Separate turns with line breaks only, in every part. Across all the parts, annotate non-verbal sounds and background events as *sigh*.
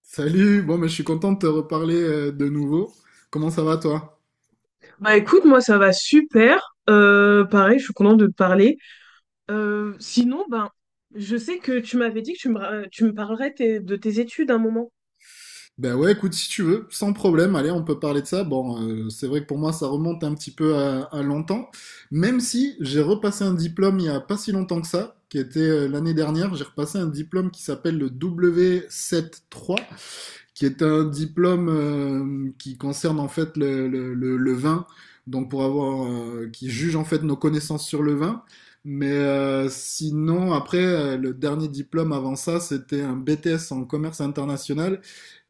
Salut, bon, mais je suis content de te reparler de nouveau. Comment ça va toi?
Bah écoute, moi ça va super. Pareil, je suis contente de te parler. Sinon, je sais que tu m'avais dit que tu me parlerais de tes études à un moment.
Ben ouais, écoute, si tu veux, sans problème, allez, on peut parler de ça. Bon, c'est vrai que pour moi, ça remonte un petit peu à longtemps, même si j'ai repassé un diplôme il y a pas si longtemps que ça, qui était l'année dernière, j'ai repassé un diplôme qui s'appelle le W73 qui est un diplôme qui concerne en fait le vin, donc pour avoir, qui juge en fait nos connaissances sur le vin. Mais sinon, après, le dernier diplôme avant ça, c'était un BTS en commerce international.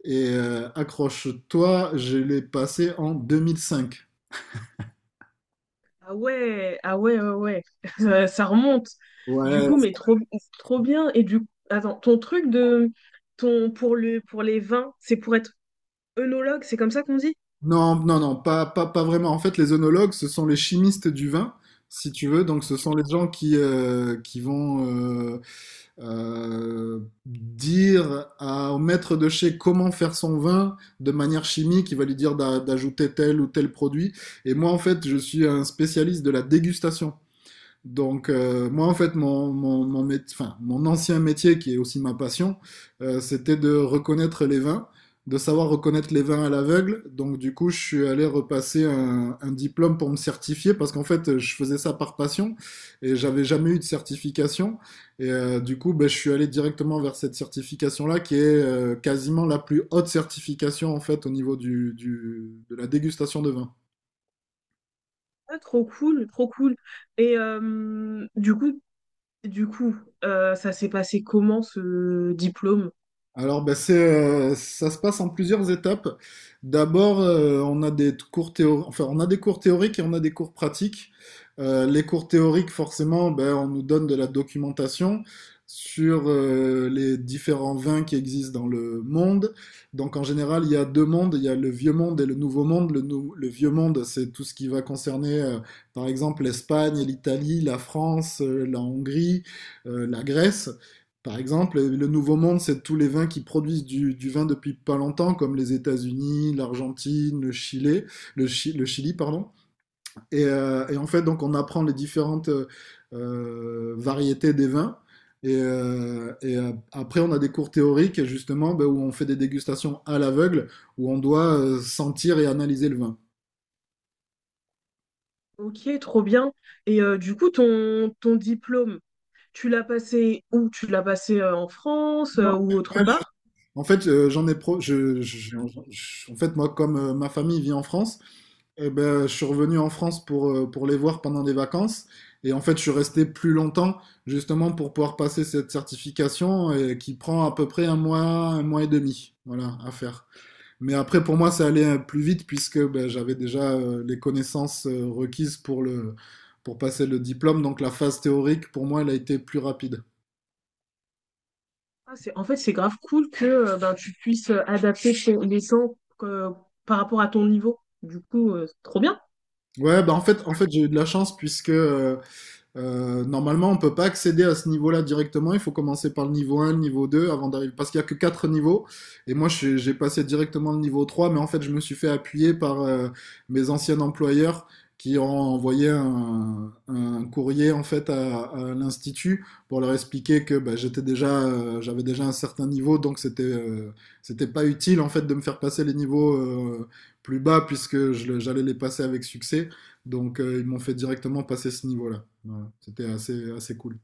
Et accroche-toi, je l'ai passé en 2005.
Ah ouais, ah ouais, ouais, ouais. *laughs* Ça remonte. Du
Ouais,
coup, mais trop bien. Et du attends, ton truc de ton pour le pour les vins, c'est pour être œnologue, c'est comme ça qu'on dit?
non, non, non, pas vraiment. En fait, les œnologues, ce sont les chimistes du vin, si tu veux. Donc, ce sont les gens qui vont, euh, dire au maître de chez comment faire son vin de manière chimique, il va lui dire d'ajouter tel ou tel produit. Et moi, en fait, je suis un spécialiste de la dégustation. Donc, moi, en fait, enfin, mon ancien métier, qui est aussi ma passion, c'était de reconnaître les vins, de savoir reconnaître les vins à l'aveugle. Donc, du coup, je suis allé repasser un diplôme pour me certifier, parce qu'en fait, je faisais ça par passion, et j'avais jamais eu de certification. Et du coup, ben, je suis allé directement vers cette certification-là, qui est quasiment la plus haute certification, en fait, au niveau de la dégustation de vin.
Ah, trop cool, trop cool. Et du coup, du coup, ça s'est passé comment ce diplôme?
Alors, ben, ça se passe en plusieurs étapes. D'abord, on a des cours théo- enfin, on a des cours théoriques et on a des cours pratiques. Les cours théoriques, forcément, ben, on nous donne de la documentation sur les différents vins qui existent dans le monde. Donc, en général, il y a deux mondes. Il y a le vieux monde et le nouveau monde. Le vieux monde, c'est tout ce qui va concerner, par exemple, l'Espagne, l'Italie, la France, la Hongrie, la Grèce. Par exemple, le Nouveau Monde, c'est tous les vins qui produisent du vin depuis pas longtemps, comme les États-Unis, l'Argentine, le Chili, le Chili, pardon. Et en fait, donc, on apprend les différentes variétés des vins. Après, on a des cours théoriques, justement, ben, où on fait des dégustations à l'aveugle, où on doit sentir et analyser le vin.
Ok, trop bien. Et du coup, ton diplôme, tu l'as passé où? Tu l'as passé en France
Non.
ou autre
Ouais.
part?
En fait, j'en ai pro... je- en fait, moi, comme ma famille vit en France, eh ben, je suis revenu en France pour les voir pendant des vacances. Et en fait, je suis resté plus longtemps, justement, pour pouvoir passer cette certification qui prend à peu près un mois et demi, voilà, à faire. Mais après, pour moi, ça allait plus vite puisque ben, j'avais déjà les connaissances requises pour pour passer le diplôme. Donc, la phase théorique, pour moi, elle a été plus rapide.
Ah, c'est, en fait, c'est grave cool que ben, tu puisses adapter les sons euh, par rapport à ton niveau. Du coup,
Ouais, bah j'ai eu de la chance puisque normalement, on ne peut pas accéder à ce niveau-là directement. Il faut commencer par le niveau un, le niveau 2, avant d'arriver. Parce qu'il y a que quatre niveaux. Et moi, j'ai passé directement le niveau 3, mais en fait, je me suis fait appuyer par mes anciens employeurs qui ont envoyé un courrier en fait à l'institut pour leur expliquer que bah, j'avais déjà un certain niveau, donc c'était c'était pas utile en fait de me faire passer les niveaux plus bas puisque j'allais les passer avec succès. Donc ils m'ont fait directement passer ce niveau-là. Voilà, c'était assez, assez cool.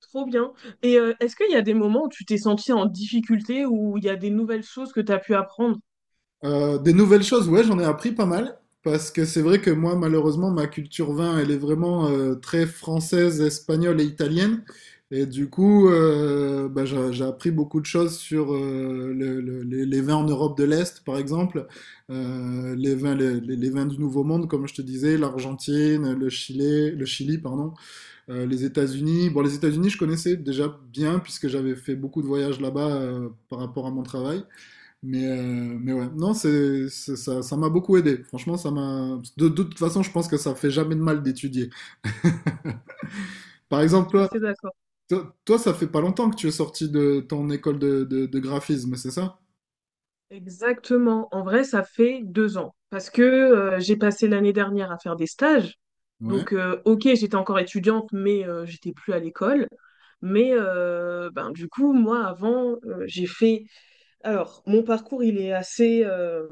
trop bien. Et est-ce qu'il y a des moments où tu t'es senti en difficulté ou il y a des nouvelles choses que tu as pu apprendre?
Des nouvelles choses, ouais, j'en ai appris pas mal. Parce que c'est vrai que moi, malheureusement, ma culture vin, elle est vraiment très française, espagnole et italienne. Et du coup, bah, j'ai appris beaucoup de choses sur les vins en Europe de l'Est, par exemple. Les vins, les vins du Nouveau Monde, comme je te disais, l'Argentine, le Chili, pardon, les États-Unis. Bon, les États-Unis, je connaissais déjà bien puisque j'avais fait beaucoup de voyages là-bas par rapport à mon travail. Mais ouais, non, ça, ça m'a beaucoup aidé. Franchement, ça m'a. De toute façon, je pense que ça fait jamais de mal d'étudier. *laughs* Par
Je
exemple,
suis assez d'accord.
ça fait pas longtemps que tu es sorti de ton école de graphisme, c'est ça?
Exactement. En vrai, ça fait 2 ans parce que j'ai passé l'année dernière à faire des stages.
Ouais.
Donc, ok, j'étais encore étudiante, mais j'étais plus à l'école. Mais ben, du coup, moi, avant, j'ai fait... Alors, mon parcours, il est assez...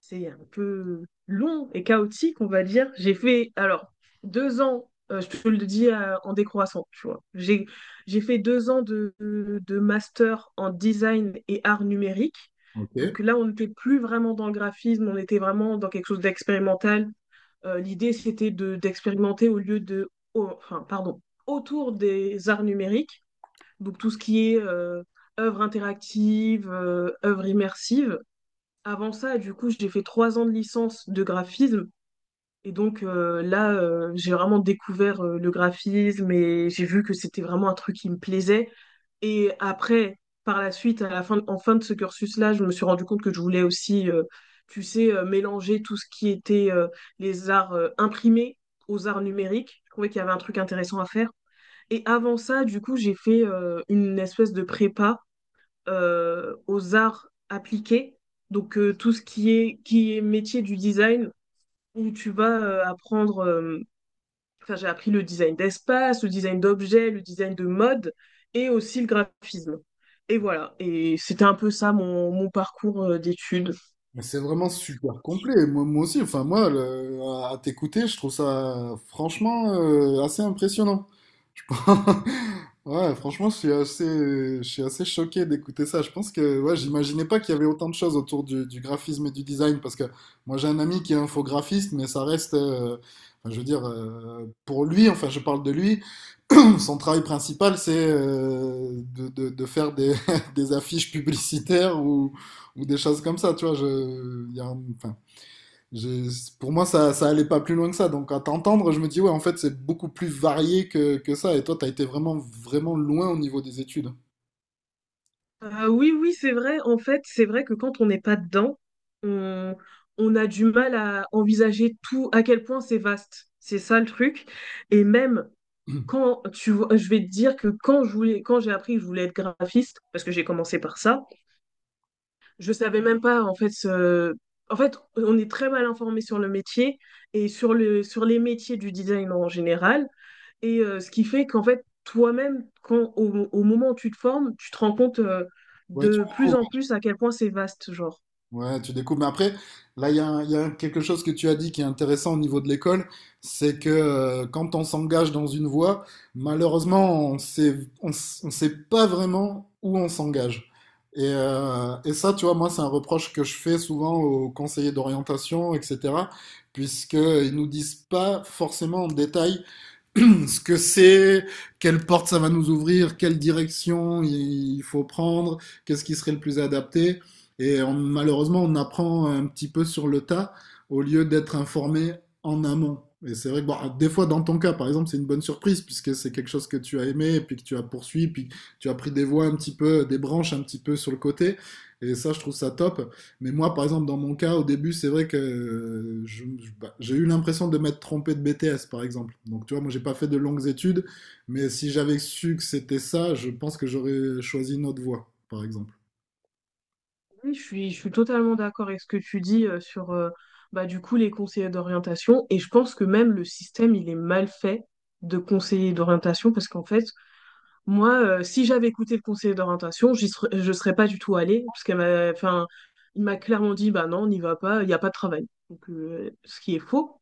c'est un peu long et chaotique, on va dire. J'ai fait, alors, 2 ans, je te le dis en décroissant, tu vois. J'ai fait 2 ans de master en design et art numérique.
Ok.
Donc là, on n'était plus vraiment dans le graphisme, on était vraiment dans quelque chose d'expérimental. L'idée, c'était d'expérimenter au lieu de, au- enfin, pardon, autour des arts numériques. Donc tout ce qui est œuvre interactive, œuvre immersive. Avant ça, du coup, j'ai fait 3 ans de licence de graphisme. Et donc là, j'ai vraiment découvert le graphisme et j'ai vu que c'était vraiment un truc qui me plaisait. Et après, par la suite, en fin de ce cursus-là, je me suis rendu compte que je voulais aussi, tu sais, mélanger tout ce qui était les arts imprimés aux arts numériques. Je trouvais qu'il y avait un truc intéressant à faire. Et avant ça, du coup, j'ai fait une espèce de prépa aux arts appliqués, donc tout ce qui est métier du design, où tu vas apprendre, enfin j'ai appris le design d'espace, le design d'objets, le design de mode et aussi le graphisme. Et voilà, et c'était un peu ça mon parcours d'études.
Mais c'est vraiment super complet. Moi aussi, enfin moi, à t'écouter, je trouve ça franchement assez impressionnant. Je pense- *laughs* Ouais, franchement, je suis assez choqué d'écouter ça. Je pense que ouais, j'imaginais pas qu'il y avait autant de choses autour du graphisme et du design, parce que moi j'ai un ami qui est infographiste, mais ça reste, enfin, je veux dire, pour lui, enfin je parle de lui, son travail principal, c'est de faire *laughs* des affiches publicitaires ou des choses comme ça, tu vois. Il y a enfin, j'ai- pour moi, ça allait pas plus loin que ça. Donc, à t'entendre, je me dis, ouais, en fait, c'est beaucoup plus varié que, ça. Et toi, t'as été vraiment, vraiment loin au niveau des études.
Oui, oui, c'est vrai, en fait, c'est vrai que quand on n'est pas dedans, on, on a du mal à envisager tout, à quel point c'est vaste. C'est ça le truc. Et même
*clears throat*
quand tu vois, je vais te dire que quand j'ai appris que je voulais être graphiste, parce que j'ai commencé par ça, je savais même pas en fait. En fait, on est très mal informé sur le métier et sur les métiers du design en général. Et ce qui fait qu'en fait, toi-même, quand au moment où tu te formes, tu te rends compte
Ouais, tu
de plus en
découvres.
plus à quel point c'est vaste, genre.
Ouais, tu découvres. Mais après, là, il y a, il y a quelque chose que tu as dit qui est intéressant au niveau de l'école, c'est que quand on s'engage dans une voie, malheureusement, on sait pas vraiment où on s'engage. Et ça, tu vois, moi, c'est un reproche que je fais souvent aux conseillers d'orientation, etc., puisqu'ils nous disent pas forcément en détail *clears throat* ce que c'est, quelle porte ça va nous ouvrir, quelle direction il faut prendre, qu'est-ce qui serait le plus adapté. Et malheureusement, on apprend un petit peu sur le tas au lieu d'être informé en amont. Et c'est vrai que bon, des fois, dans ton cas, par exemple, c'est une bonne surprise puisque c'est quelque chose que tu as aimé, puis que tu as poursuivi, puis tu as pris des voies un petit peu, des branches un petit peu sur le côté. Et ça, je trouve ça top. Mais moi, par exemple, dans mon cas, au début, c'est vrai que bah, j'ai eu l'impression de m'être trompé de BTS, par exemple. Donc, tu vois, moi, j'ai pas fait de longues études, mais si j'avais su que c'était ça, je pense que j'aurais choisi une autre voie, par exemple.
Oui, je suis totalement d'accord avec ce que tu dis sur bah, du coup les conseillers d'orientation, et je pense que même le système il est mal fait de conseiller d'orientation, parce qu'en fait moi si j'avais écouté le conseiller d'orientation je serais pas du tout allée, parce qu'elle m'a enfin il m'a clairement dit bah non, on n'y va pas, il n'y a pas de travail, donc ce qui est faux.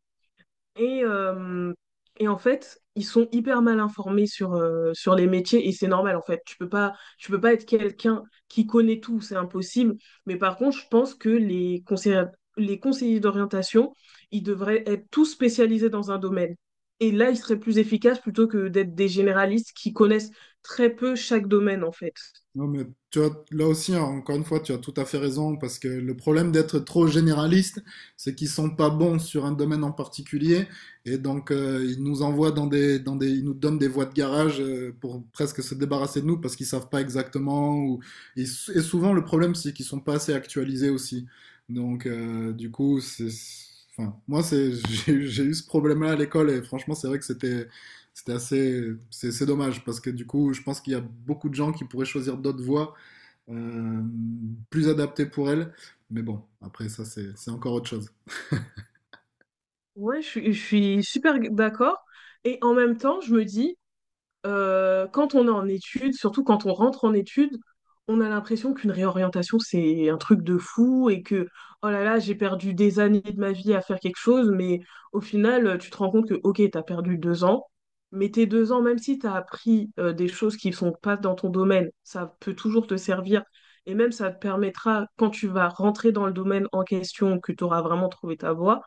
et, euh, et en fait, ils sont hyper mal informés sur sur les métiers, et c'est normal en fait. Tu peux pas être quelqu'un qui connaît tout, c'est impossible. Mais par contre, je pense que les conseillers d'orientation, ils devraient être tous spécialisés dans un domaine. Et là, ils seraient plus efficaces plutôt que d'être des généralistes qui connaissent très peu chaque domaine en fait.
Non, mais tu vois, là aussi, hein, encore une fois, tu as tout à fait raison, parce que le problème d'être trop généraliste, c'est qu'ils sont pas bons sur un domaine en particulier, et donc ils nous envoient ils nous donnent des voies de garage pour presque se débarrasser de nous, parce qu'ils savent pas exactement, ou, et souvent le problème, c'est qu'ils sont pas assez actualisés aussi. Donc, du coup, enfin, moi, *laughs* j'ai eu ce problème-là à l'école, et franchement, c'est vrai que c'était, assez. C'est dommage parce que du coup, je pense qu'il y a beaucoup de gens qui pourraient choisir d'autres voies euh, plus adaptées pour elles. Mais bon, après, ça, c'est encore autre chose.
Ouais, je suis super d'accord. Et en même temps, je me dis, quand on est en études, surtout quand on rentre en études, on a l'impression qu'une réorientation, c'est un truc de fou et que, oh là là, j'ai perdu des années de ma vie à faire quelque chose, mais au final, tu te rends compte que, ok, t'as perdu 2 ans, mais tes 2 ans, même si t'as appris des choses qui sont pas dans ton domaine, ça peut toujours te servir, et même ça te permettra, quand tu vas rentrer dans le domaine en question, que tu auras vraiment trouvé ta voie,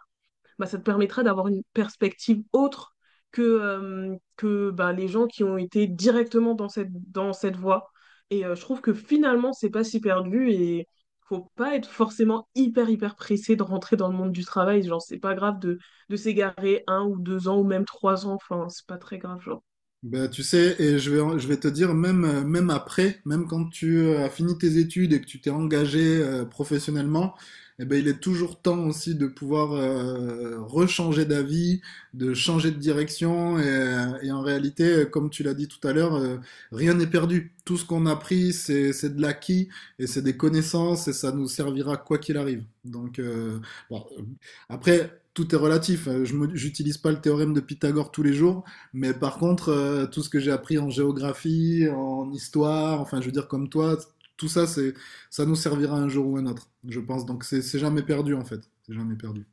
bah, ça te permettra d'avoir une perspective autre que bah, les gens qui ont été directement dans dans cette voie. Et je trouve que finalement, c'est pas si perdu, et faut pas être forcément hyper pressé de rentrer dans le monde du travail. Genre, c'est pas grave de s'égarer un ou 2 ans ou même 3 ans. Enfin, c'est pas très grave, genre.
Ben, tu sais, et je vais te dire, même après, même quand tu as fini tes études et que tu t'es engagé professionnellement, eh ben, il est toujours temps aussi de pouvoir rechanger d'avis, de changer de direction. Et en réalité, comme tu l'as dit tout à l'heure, rien n'est perdu. Tout ce qu'on a pris, c'est de l'acquis et c'est des connaissances et ça nous servira quoi qu'il arrive. Donc, bon, après, tout est relatif. J'utilise pas le théorème de Pythagore tous les jours. Mais par contre, tout ce que j'ai appris en géographie, en histoire, enfin, je veux dire, comme toi, tout ça, c'est, ça nous servira un jour ou un autre, je pense. Donc, c'est jamais perdu, en fait. C'est jamais perdu.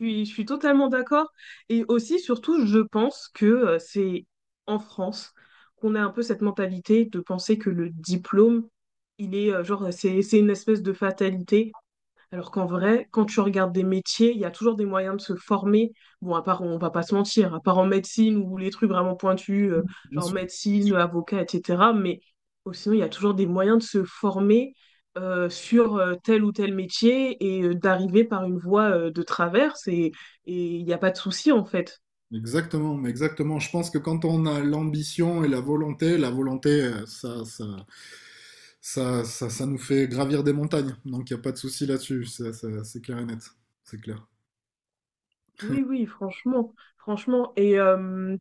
Je suis totalement d'accord. Et aussi, surtout, je pense que c'est en France qu'on a un peu cette mentalité de penser que le diplôme, il est genre, c'est une espèce de fatalité, alors qu'en vrai, quand tu regardes des métiers, il y a toujours des moyens de se former. Bon, à part, on va pas se mentir, à part en médecine ou les trucs vraiment pointus,
Bien
genre
sûr.
médecine, avocat, etc. Mais oh, sinon, il y a toujours des moyens de se former sur tel ou tel métier et d'arriver par une voie de traverse. Et il n'y a pas de souci, en fait.
Exactement, mais exactement. Je pense que quand on a l'ambition et la volonté, ça nous fait gravir des montagnes. Donc, il n'y a pas de souci là-dessus. C'est clair et net. C'est clair.
Oui, oui, franchement. Franchement.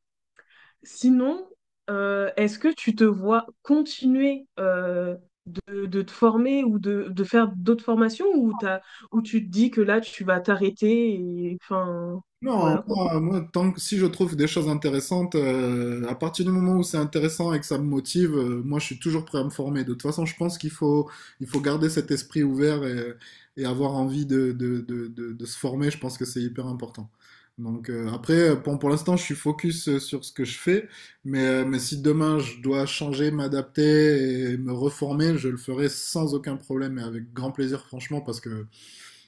Sinon, est-ce que tu te vois continuer de te former ou de faire d'autres formations, ou ou tu te dis que là, tu vas t'arrêter et enfin,
Non,
voilà quoi.
moi, tant que si je trouve des choses intéressantes, à partir du moment où c'est intéressant et que ça me motive, moi je suis toujours prêt à me former. De toute façon, je pense qu'il faut garder cet esprit ouvert et avoir envie de se former. Je pense que c'est hyper important. Donc après, pour l'instant, je suis focus sur ce que je fais, mais si demain je dois changer, m'adapter et me reformer, je le ferai sans aucun problème et avec grand plaisir, franchement, parce que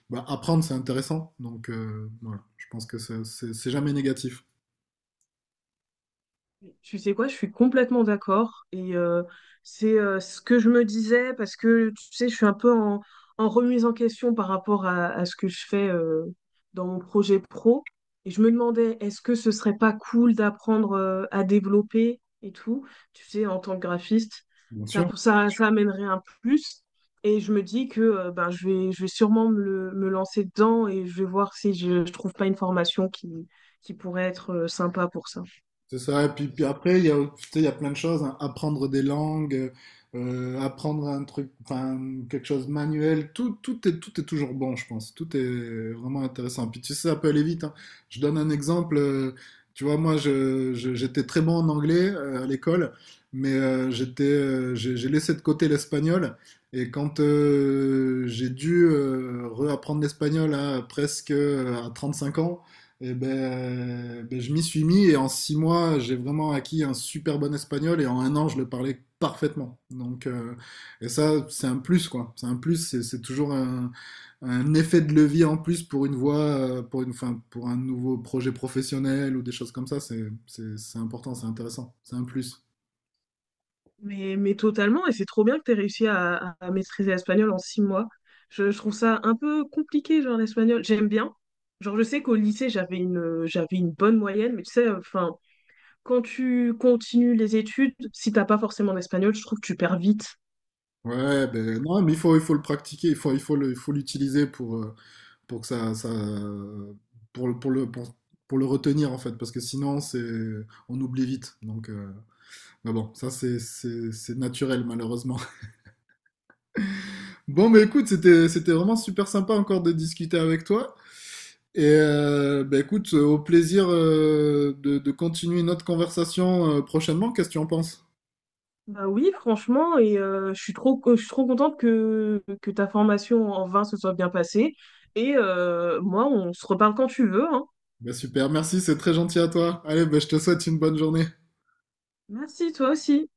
bah, apprendre, c'est intéressant. Donc, voilà, je pense que c'est jamais négatif.
Tu sais quoi, je suis complètement d'accord. Et c'est ce que je me disais parce que, tu sais, je suis un peu en remise en question par rapport à ce que je fais dans mon projet pro. Et je me demandais, est-ce que ce serait pas cool d'apprendre à développer et tout, tu sais, en tant que graphiste,
Bien sûr.
ça amènerait un plus. Et je me dis que ben, je vais sûrement me lancer dedans, et je vais voir si je trouve pas une formation qui pourrait être sympa pour ça.
C'est ça, et puis après, il y a, tu sais, il y a plein de choses, hein. Apprendre des langues, apprendre un truc, enfin, quelque chose manuel, tout est toujours bon, je pense. Tout est vraiment intéressant. Puis tu sais, ça peut aller vite, hein. Je donne un exemple, tu vois, moi, j'étais très bon en anglais à l'école, mais j'ai laissé de côté l'espagnol, et quand j'ai dû réapprendre l'espagnol à presque à 5 ans, et je m'y suis mis et en 6 mois, j'ai vraiment acquis un super bon espagnol et en un an, je le parlais parfaitement. Donc, et ça, c'est un plus, quoi. C'est un plus, c'est toujours un effet de levier en plus pour une voie, enfin, pour un nouveau projet professionnel ou des choses comme ça. C'est important, c'est intéressant, c'est un plus.
Mais totalement, et c'est trop bien que tu aies réussi à maîtriser l'espagnol en 6 mois. Je trouve ça un peu compliqué, genre l'espagnol. J'aime bien. Genre, je sais qu'au lycée, j'avais j'avais une bonne moyenne, mais tu sais, enfin, quand tu continues les études, si t'as pas forcément l'espagnol, je trouve que tu perds vite.
Ouais, ben non, mais il faut le pratiquer, il faut l'utiliser pour que ça pour le, pour le, pour, pour le retenir en fait, parce que sinon c'est, on oublie vite. Donc, mais bon, ça c'est naturel malheureusement. *laughs* Bon, mais écoute, c'était vraiment super sympa encore de discuter avec toi. Et bah, écoute, au plaisir de continuer notre conversation prochainement. Qu'est-ce que tu en penses?
Bah oui, franchement, et je suis trop contente que ta formation en vin se soit bien passée. Et moi, on se reparle quand tu veux, hein.
Bah, super, merci, c'est très gentil à toi. Allez, bah, je te souhaite une bonne journée.
Merci, toi aussi.